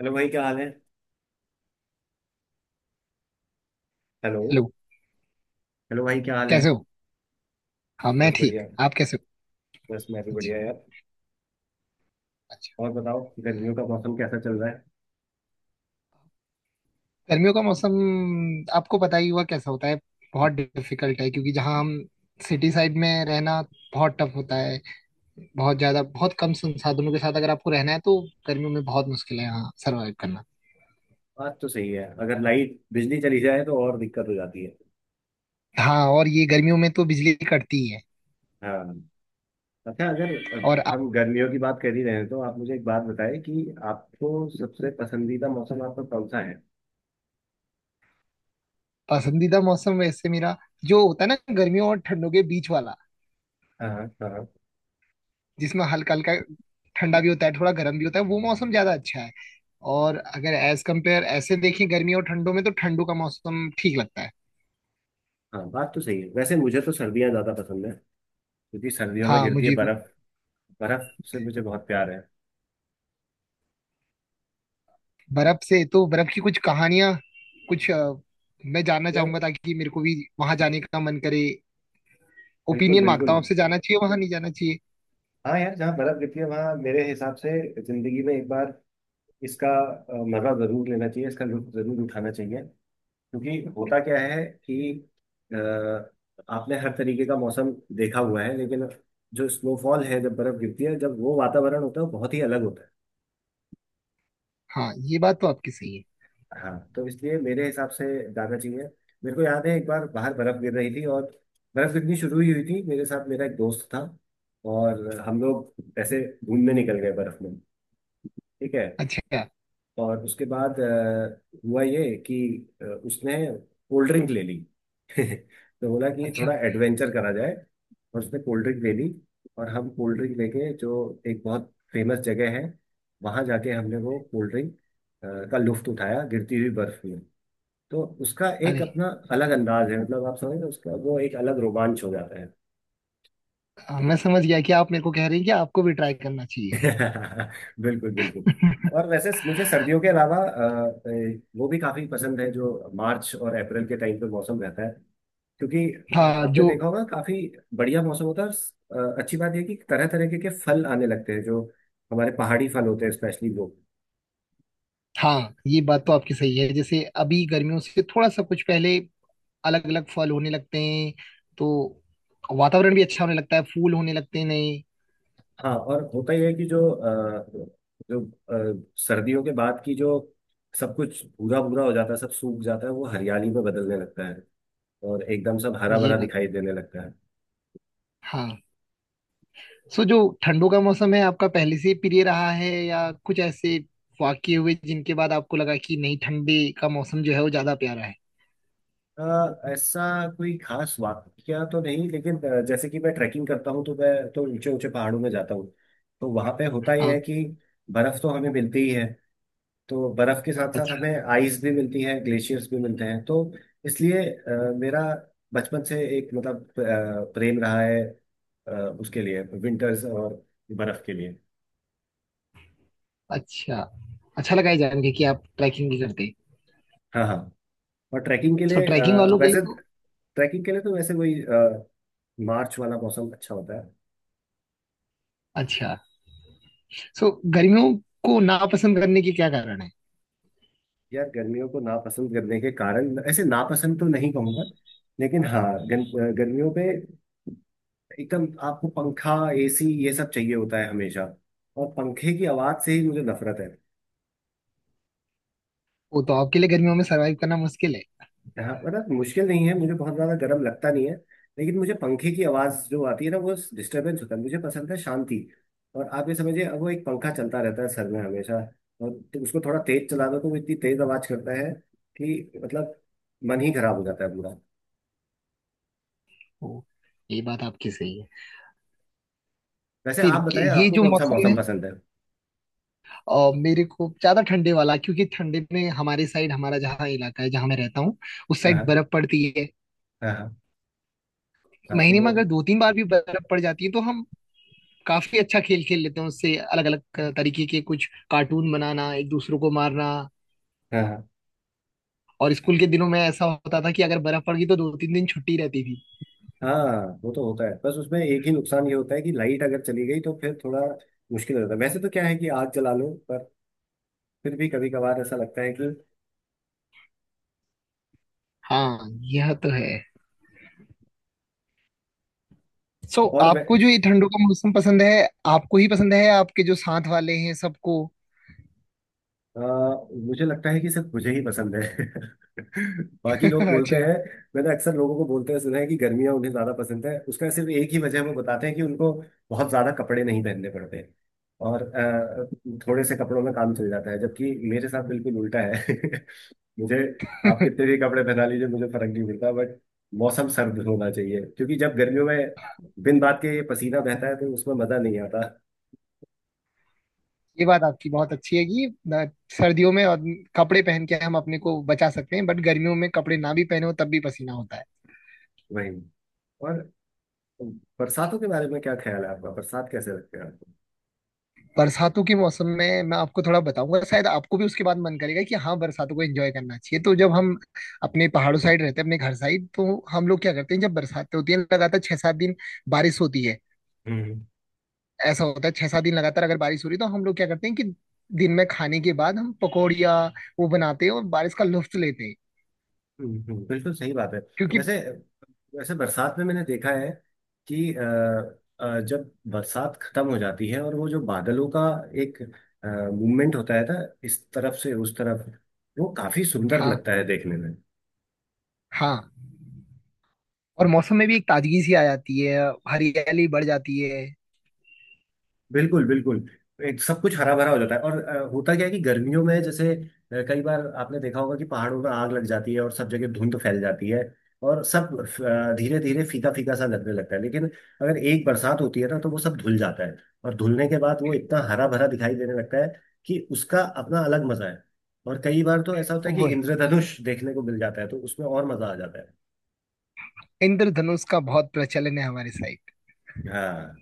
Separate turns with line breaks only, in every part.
Hello भाई, क्या हाल है? हेलो।
हेलो।
हेलो भाई, क्या हाल है?
कैसे हो? हाँ मैं
बस
ठीक,
बढ़िया।
आप कैसे हो?
बस मैं भी
अच्छा।
बढ़िया यार।
अच्छा।
और बताओ, गर्मियों का मौसम कैसा चल रहा है?
गर्मियों का मौसम आपको पता ही हुआ कैसा होता है। बहुत डिफिकल्ट है क्योंकि जहाँ हम सिटी साइड में रहना बहुत टफ होता है। बहुत ज्यादा बहुत कम संसाधनों के साथ अगर आपको रहना है तो गर्मियों में बहुत मुश्किल है यहाँ सरवाइव करना।
बात तो सही है। अगर लाइट बिजली चली जाए तो और दिक्कत हो जाती है।
हाँ और ये गर्मियों में तो बिजली कटती ही है।
हाँ। अच्छा,
और
अगर
आप?
हम गर्मियों की बात कर ही रहे हैं तो आप मुझे एक बात बताएं कि आपको सबसे पसंदीदा मौसम आपका कौन सा है?
पसंदीदा मौसम वैसे मेरा जो होता है ना गर्मियों और ठंडों के बीच वाला,
हाँ, हाँ, हाँ।
जिसमें हल्का हल्का ठंडा भी होता है थोड़ा गर्म भी होता है, वो मौसम ज्यादा अच्छा है। और अगर एज कंपेयर ऐसे देखें गर्मी और ठंडों में तो ठंडों का मौसम ठीक लगता है।
हाँ, बात तो सही है। वैसे मुझे तो सर्दियाँ ज़्यादा पसंद है। क्योंकि सर्दियों में
हाँ
गिरती है
मुझे भी।
बर्फ। बर्फ से मुझे बहुत प्यार है।
बर्फ से तो बर्फ की कुछ कहानियां, कुछ मैं जानना
यार।
चाहूंगा ताकि मेरे को भी वहां जाने का मन करे।
बिल्कुल,
ओपिनियन मांगता
बिल्कुल।
हूँ आपसे, जाना चाहिए वहां नहीं जाना चाहिए?
हाँ यार, जहाँ बर्फ गिरती है वहाँ मेरे हिसाब से जिंदगी में एक बार इसका मजा जरूर लेना चाहिए, इसका लुत्फ जरूर उठाना चाहिए। क्योंकि होता क्या है कि अ, आपने हर तरीके का मौसम देखा हुआ है, लेकिन जो स्नोफॉल है, जब बर्फ गिरती है, जब वो वातावरण होता है, वो बहुत ही अलग होता है।
हाँ ये बात तो आपकी सही है।
हाँ, तो इसलिए मेरे हिसाब से जाना चाहिए। मेरे को याद है, एक बार बाहर बर्फ गिर रही थी और बर्फ गिरनी शुरू ही हुई थी। मेरे साथ मेरा एक दोस्त था और हम लोग ऐसे घूमने निकल गए बर्फ में। ठीक है।
अच्छा।
और उसके बाद हुआ ये कि उसने कोल्ड ड्रिंक ले ली। तो बोला कि
अच्छा।
थोड़ा एडवेंचर करा जाए। और उसने कोल्ड ड्रिंक ले ली। और हम कोल्ड ड्रिंक लेके, जो एक बहुत फेमस जगह है वहां जाके, हमने वो कोल्ड ड्रिंक का लुफ्त उठाया गिरती हुई बर्फ में। तो उसका एक
अरे,
अपना अलग अंदाज है, मतलब आप समझ रहे हो, उसका वो एक अलग रोमांच हो जाता है।
मैं समझ गया कि आप मेरे को कह रहे हैं कि आपको भी ट्राई करना चाहिए।
बिल्कुल, बिल्कुल। और वैसे मुझे सर्दियों के अलावा वो भी काफी पसंद है, जो मार्च और अप्रैल के टाइम पे मौसम रहता है। क्योंकि
हाँ
आपने
जो,
देखा होगा, काफी बढ़िया मौसम होता है। और अच्छी बात यह कि तरह तरह के फल आने लगते हैं, जो हमारे पहाड़ी फल होते हैं स्पेशली वो।
हाँ ये बात तो आपकी सही है। जैसे अभी गर्मियों से थोड़ा सा कुछ पहले अलग अलग फल होने लगते हैं तो वातावरण भी अच्छा होने लगता है, फूल होने लगते हैं नए।
हाँ, और होता यह है कि जो सर्दियों के बाद की जो सब कुछ भूरा भूरा हो जाता है, सब सूख जाता है, वो हरियाली में बदलने लगता है। और एकदम सब हरा
ये
भरा
बात,
दिखाई देने लगता है।
हाँ। सो जो ठंडों का मौसम है आपका पहले से प्रिय रहा है, या कुछ ऐसे वाकये हुए जिनके बाद आपको लगा कि नहीं ठंडे का मौसम जो है वो ज्यादा प्यारा है?
ऐसा कोई खास वाक्य तो नहीं, लेकिन जैसे कि मैं ट्रैकिंग करता हूँ तो मैं तो ऊंचे ऊंचे पहाड़ों में जाता हूँ। तो वहां पे होता यह
हाँ।
है कि बर्फ तो हमें मिलती ही है। तो बर्फ के साथ साथ
अच्छा
हमें आइस भी मिलती है, ग्लेशियर्स भी मिलते हैं। तो इसलिए मेरा बचपन से एक, मतलब प्रेम रहा है अ, उसके लिए, विंटर्स और बर्फ के लिए।
अच्छा। अच्छा लगा ये जान के कि आप ट्रैकिंग भी करते हैं।
हाँ, हाँ। और ट्रैकिंग के
सो
लिए
ट्रैकिंग
अ,
वालों के लिए
वैसे
तो
ट्रैकिंग के लिए तो वैसे वही मार्च वाला मौसम अच्छा होता है।
अच्छा। सो गर्मियों को नापसंद करने के क्या कारण है?
यार, गर्मियों को नापसंद करने के कारण, ऐसे नापसंद तो नहीं कहूंगा। लेकिन हाँ, गर्मियों पे एकदम आपको पंखा, एसी, ये सब चाहिए होता है हमेशा। और पंखे की आवाज से ही मुझे नफरत है।
वो तो आपके लिए गर्मियों में सरवाइव करना मुश्किल है।
हाँ, मतलब मुश्किल नहीं है, मुझे बहुत ज्यादा गर्म लगता नहीं है। लेकिन मुझे पंखे की आवाज जो आती है ना, वो डिस्टरबेंस होता है, मुझे पसंद है शांति। और आप ये समझिए, अब वो एक पंखा चलता रहता है सर में हमेशा। और तो उसको थोड़ा तेज चला दो तो वो इतनी तेज आवाज करता है कि मतलब मन ही खराब हो जाता है पूरा।
ओ, ये बात आपकी सही है।
वैसे आप बताएं,
ये
आपको
जो
कौन सा
मौसम है,
मौसम पसंद है?
मेरे को ज्यादा ठंडे वाला, क्योंकि ठंडे में हमारे साइड, हमारा जहाँ इलाका है जहाँ मैं रहता हूँ उस
हाँ,
साइड
हाँ,
बर्फ पड़ती है।
हाँ, हाँ, हाँ, तो
महीने में
वो।
अगर दो तीन बार भी बर्फ पड़ जाती है तो हम काफी अच्छा खेल खेल लेते हैं उससे, अलग अलग तरीके के कुछ कार्टून बनाना, एक दूसरों को मारना।
हाँ, हाँ,
और स्कूल के दिनों में ऐसा होता था कि अगर बर्फ पड़ गई तो दो तीन दिन छुट्टी रहती थी।
हाँ। वो तो होता है। बस उसमें एक ही नुकसान ये होता है कि लाइट अगर चली गई तो फिर थोड़ा मुश्किल हो जाता है। वैसे तो क्या है कि आग जला लो, पर फिर भी कभी कभार ऐसा लगता है कि
हाँ, यह तो है। सो
और वै-
आपको जो ये ठंडों का मौसम पसंद है, आपको ही पसंद है या आपके जो साथ वाले हैं सबको?
अ, मुझे लगता है कि सिर्फ मुझे ही पसंद है। बाकी लोग बोलते हैं।
अच्छा।
मैंने अक्सर लोगों को बोलते हुए सुना है कि गर्मियां उन्हें ज्यादा पसंद है। उसका सिर्फ एक ही वजह वो बताते हैं कि उनको बहुत ज्यादा कपड़े नहीं पहनने पड़ते। और थोड़े से कपड़ों में काम चल जाता है, जबकि मेरे साथ बिल्कुल उल्टा है। मुझे, आप कितने भी कपड़े पहना लीजिए, मुझे फर्क नहीं पड़ता, बट मौसम सर्द होना चाहिए। क्योंकि जब गर्मियों में बिन बात के पसीना बहता है तो उसमें मजा नहीं आता।
ये बात आपकी बहुत अच्छी है कि सर्दियों में और कपड़े पहन के हम अपने को बचा सकते हैं, बट गर्मियों में कपड़े ना भी पहने हो तब भी पसीना होता है।
वही। और बरसातों के बारे में क्या ख्याल है आपका? बरसात कैसे लगते हैं आपको?
बरसातों के मौसम में मैं आपको थोड़ा बताऊंगा, शायद आपको भी उसके बाद मन करेगा कि हाँ बरसातों को एंजॉय करना चाहिए। तो जब हम अपने पहाड़ों साइड रहते हैं अपने घर साइड, तो हम लोग क्या करते हैं, जब बरसातें होती हैं लगातार छह सात दिन बारिश होती है।
हम्म,
ऐसा होता है छह सात दिन लगातार अगर बारिश हो रही है तो हम लोग क्या करते हैं कि दिन में खाने के बाद हम पकौड़िया वो बनाते हैं और बारिश का लुत्फ लेते हैं।
हम्म, हम्म, बिल्कुल सही बात है।
क्योंकि,
वैसे वैसे बरसात में मैंने देखा है कि जब बरसात खत्म हो जाती है और वो जो बादलों का एक मूवमेंट होता है ना, इस तरफ से उस तरफ, वो काफी सुंदर
हाँ
लगता है देखने में।
हाँ, और मौसम में भी एक ताजगी सी आ जाती है, हरियाली बढ़ जाती है।
बिल्कुल, बिल्कुल। एक सब कुछ हरा भरा हो जाता है, और होता क्या है कि गर्मियों में जैसे कई बार आपने देखा होगा कि पहाड़ों में आग लग जाती है और सब जगह धुंध फैल जाती है। और सब धीरे धीरे फीका फीका सा लगने लगता है, लेकिन अगर एक बरसात होती है ना, तो वो सब धुल जाता है। और धुलने के बाद वो इतना हरा भरा दिखाई देने लगता है कि उसका अपना अलग मजा है। और कई बार तो ऐसा होता है कि
वही,
इंद्रधनुष देखने को मिल जाता है, तो उसमें और मजा आ जाता है।
इंद्रधनुष का बहुत प्रचलन है हमारे साइड।
हाँ,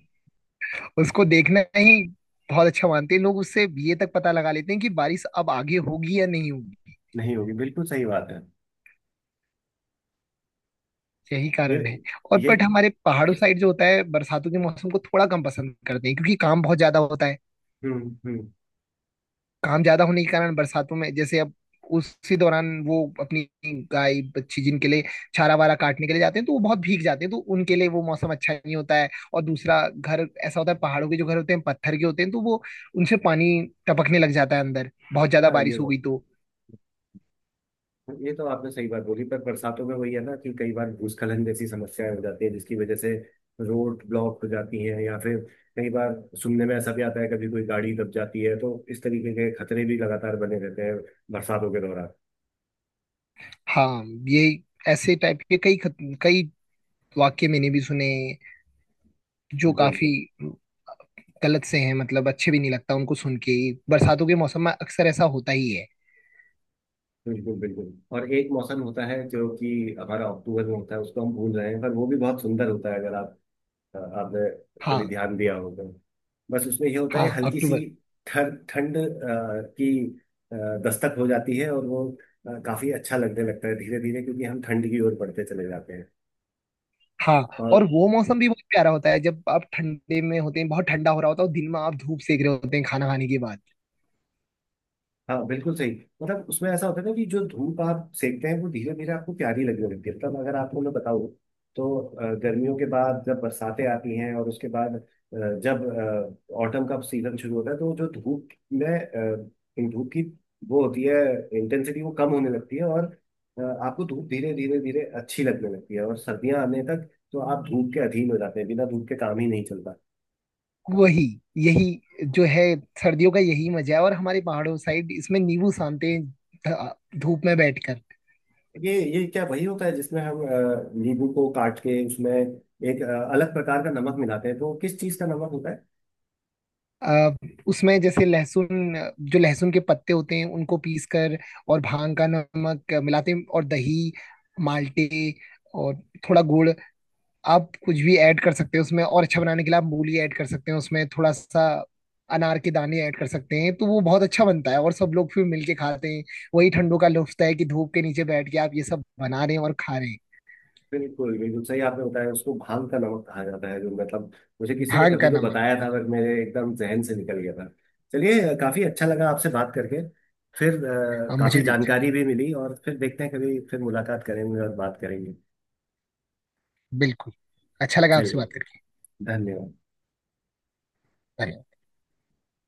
उसको देखना ही बहुत अच्छा मानते हैं लोग, उससे ये तक पता लगा लेते हैं कि बारिश अब आगे होगी या नहीं होगी।
नहीं होगी, बिल्कुल सही बात है।
यही
ये।
कारण है। और
ये।
बट हमारे पहाड़ों साइड जो होता है बरसातों के मौसम को थोड़ा कम पसंद करते हैं क्योंकि काम बहुत ज्यादा होता है।
हम्म, हम्म।
काम ज्यादा होने के कारण बरसातों में जैसे अब उसी दौरान वो अपनी गाय बच्ची जिनके लिए चारा वारा काटने के लिए जाते हैं तो वो बहुत भीग जाते हैं तो उनके लिए वो मौसम अच्छा नहीं होता है। और दूसरा, घर ऐसा होता है पहाड़ों के, जो घर होते हैं पत्थर के होते हैं तो वो उनसे पानी टपकने लग जाता है अंदर बहुत ज्यादा
हाँ ये
बारिश हो
वो
गई तो।
ये तो आपने सही बात बोली, पर बरसातों में वही है ना कि कई बार भूस्खलन जैसी समस्याएं हो जाती है, जिसकी वजह से रोड ब्लॉक हो जाती हैं, या फिर कई बार सुनने में ऐसा भी आता है कभी कोई गाड़ी दब जाती है, तो इस तरीके के खतरे भी लगातार बने रहते हैं बरसातों के दौरान।
हाँ ये, ऐसे टाइप के कई वाक्य मैंने भी सुने जो काफी
बिल्कुल,
गलत से हैं, मतलब अच्छे भी नहीं लगता उनको सुन के। बरसातों के मौसम में अक्सर ऐसा होता ही है।
बिल्कुल, बिल्कुल। और एक मौसम होता है जो कि हमारा अक्टूबर में होता है, उसको हम भूल रहे हैं, पर वो भी बहुत सुंदर होता है, अगर आप आपने कभी
हाँ।
ध्यान दिया होगा। बस उसमें ये होता
हाँ
है हल्की सी
अक्टूबर।
ठंड ठंड की अ, दस्तक हो जाती है और वो काफी अच्छा लगने लगता है धीरे धीरे, क्योंकि हम ठंड की ओर बढ़ते चले जाते हैं।
हाँ और
और।
वो मौसम भी बहुत प्यारा होता है जब आप ठंडे में होते हैं, बहुत ठंडा हो रहा होता है और दिन में आप धूप सेक रहे होते हैं खाना खाने के बाद।
हाँ, बिल्कुल सही। मतलब उसमें ऐसा होता है ना कि जो धूप आप सेकते हैं वो धीरे धीरे आपको प्यारी लगने लगती है, तब अगर आपको मैं बताऊँ तो गर्मियों के बाद जब बरसातें आती हैं, और उसके बाद जब ऑटम का सीजन शुरू होता है, तो जो धूप में इन धूप की, वो होती है इंटेंसिटी, वो कम होने लगती है। और आपको धूप धीरे धीरे धीरे अच्छी लगने लगती है, और सर्दियां आने तक तो आप धूप के अधीन हो जाते हैं, बिना धूप के काम ही नहीं चलता।
वही, यही जो है सर्दियों का यही मजा है। और हमारे पहाड़ों साइड इसमें नींबू सानते हैं धूप में बैठकर।
ये ये क्या वही होता है जिसमें हम नींबू को काट के उसमें एक अलग प्रकार का नमक मिलाते हैं? तो किस चीज का नमक होता है?
अ, उसमें जैसे लहसुन, जो लहसुन के पत्ते होते हैं उनको पीस कर और भांग का नमक मिलाते हैं, और दही, माल्टे, और थोड़ा गुड़। आप कुछ भी ऐड कर सकते हैं उसमें, और अच्छा बनाने के लिए आप मूली ऐड कर सकते हैं उसमें थोड़ा सा, अनार के दाने ऐड कर सकते हैं, तो वो बहुत अच्छा बनता है और सब लोग फिर मिलके खाते हैं। वही ठंडों का लुत्फ है कि धूप के नीचे बैठ के आप ये सब बना रहे हैं और खा रहे हैं।
बिल्कुल, बिल्कुल सही आपने बताया। उसको भांग का नमक कहा जाता है, जो मतलब मुझे किसी ने
भांग
कभी
का
तो
नमक।
बताया था, पर मेरे एकदम जहन से निकल गया था। चलिए, काफी अच्छा लगा आपसे बात करके। फिर
मुझे
काफी
भी अच्छा,
जानकारी भी मिली, और फिर देखते हैं, कभी फिर मुलाकात करेंगे और बात करेंगे।
बिल्कुल, अच्छा लगा आपसे
चलिए।
बात करके।
धन्यवाद।
धन्यवाद।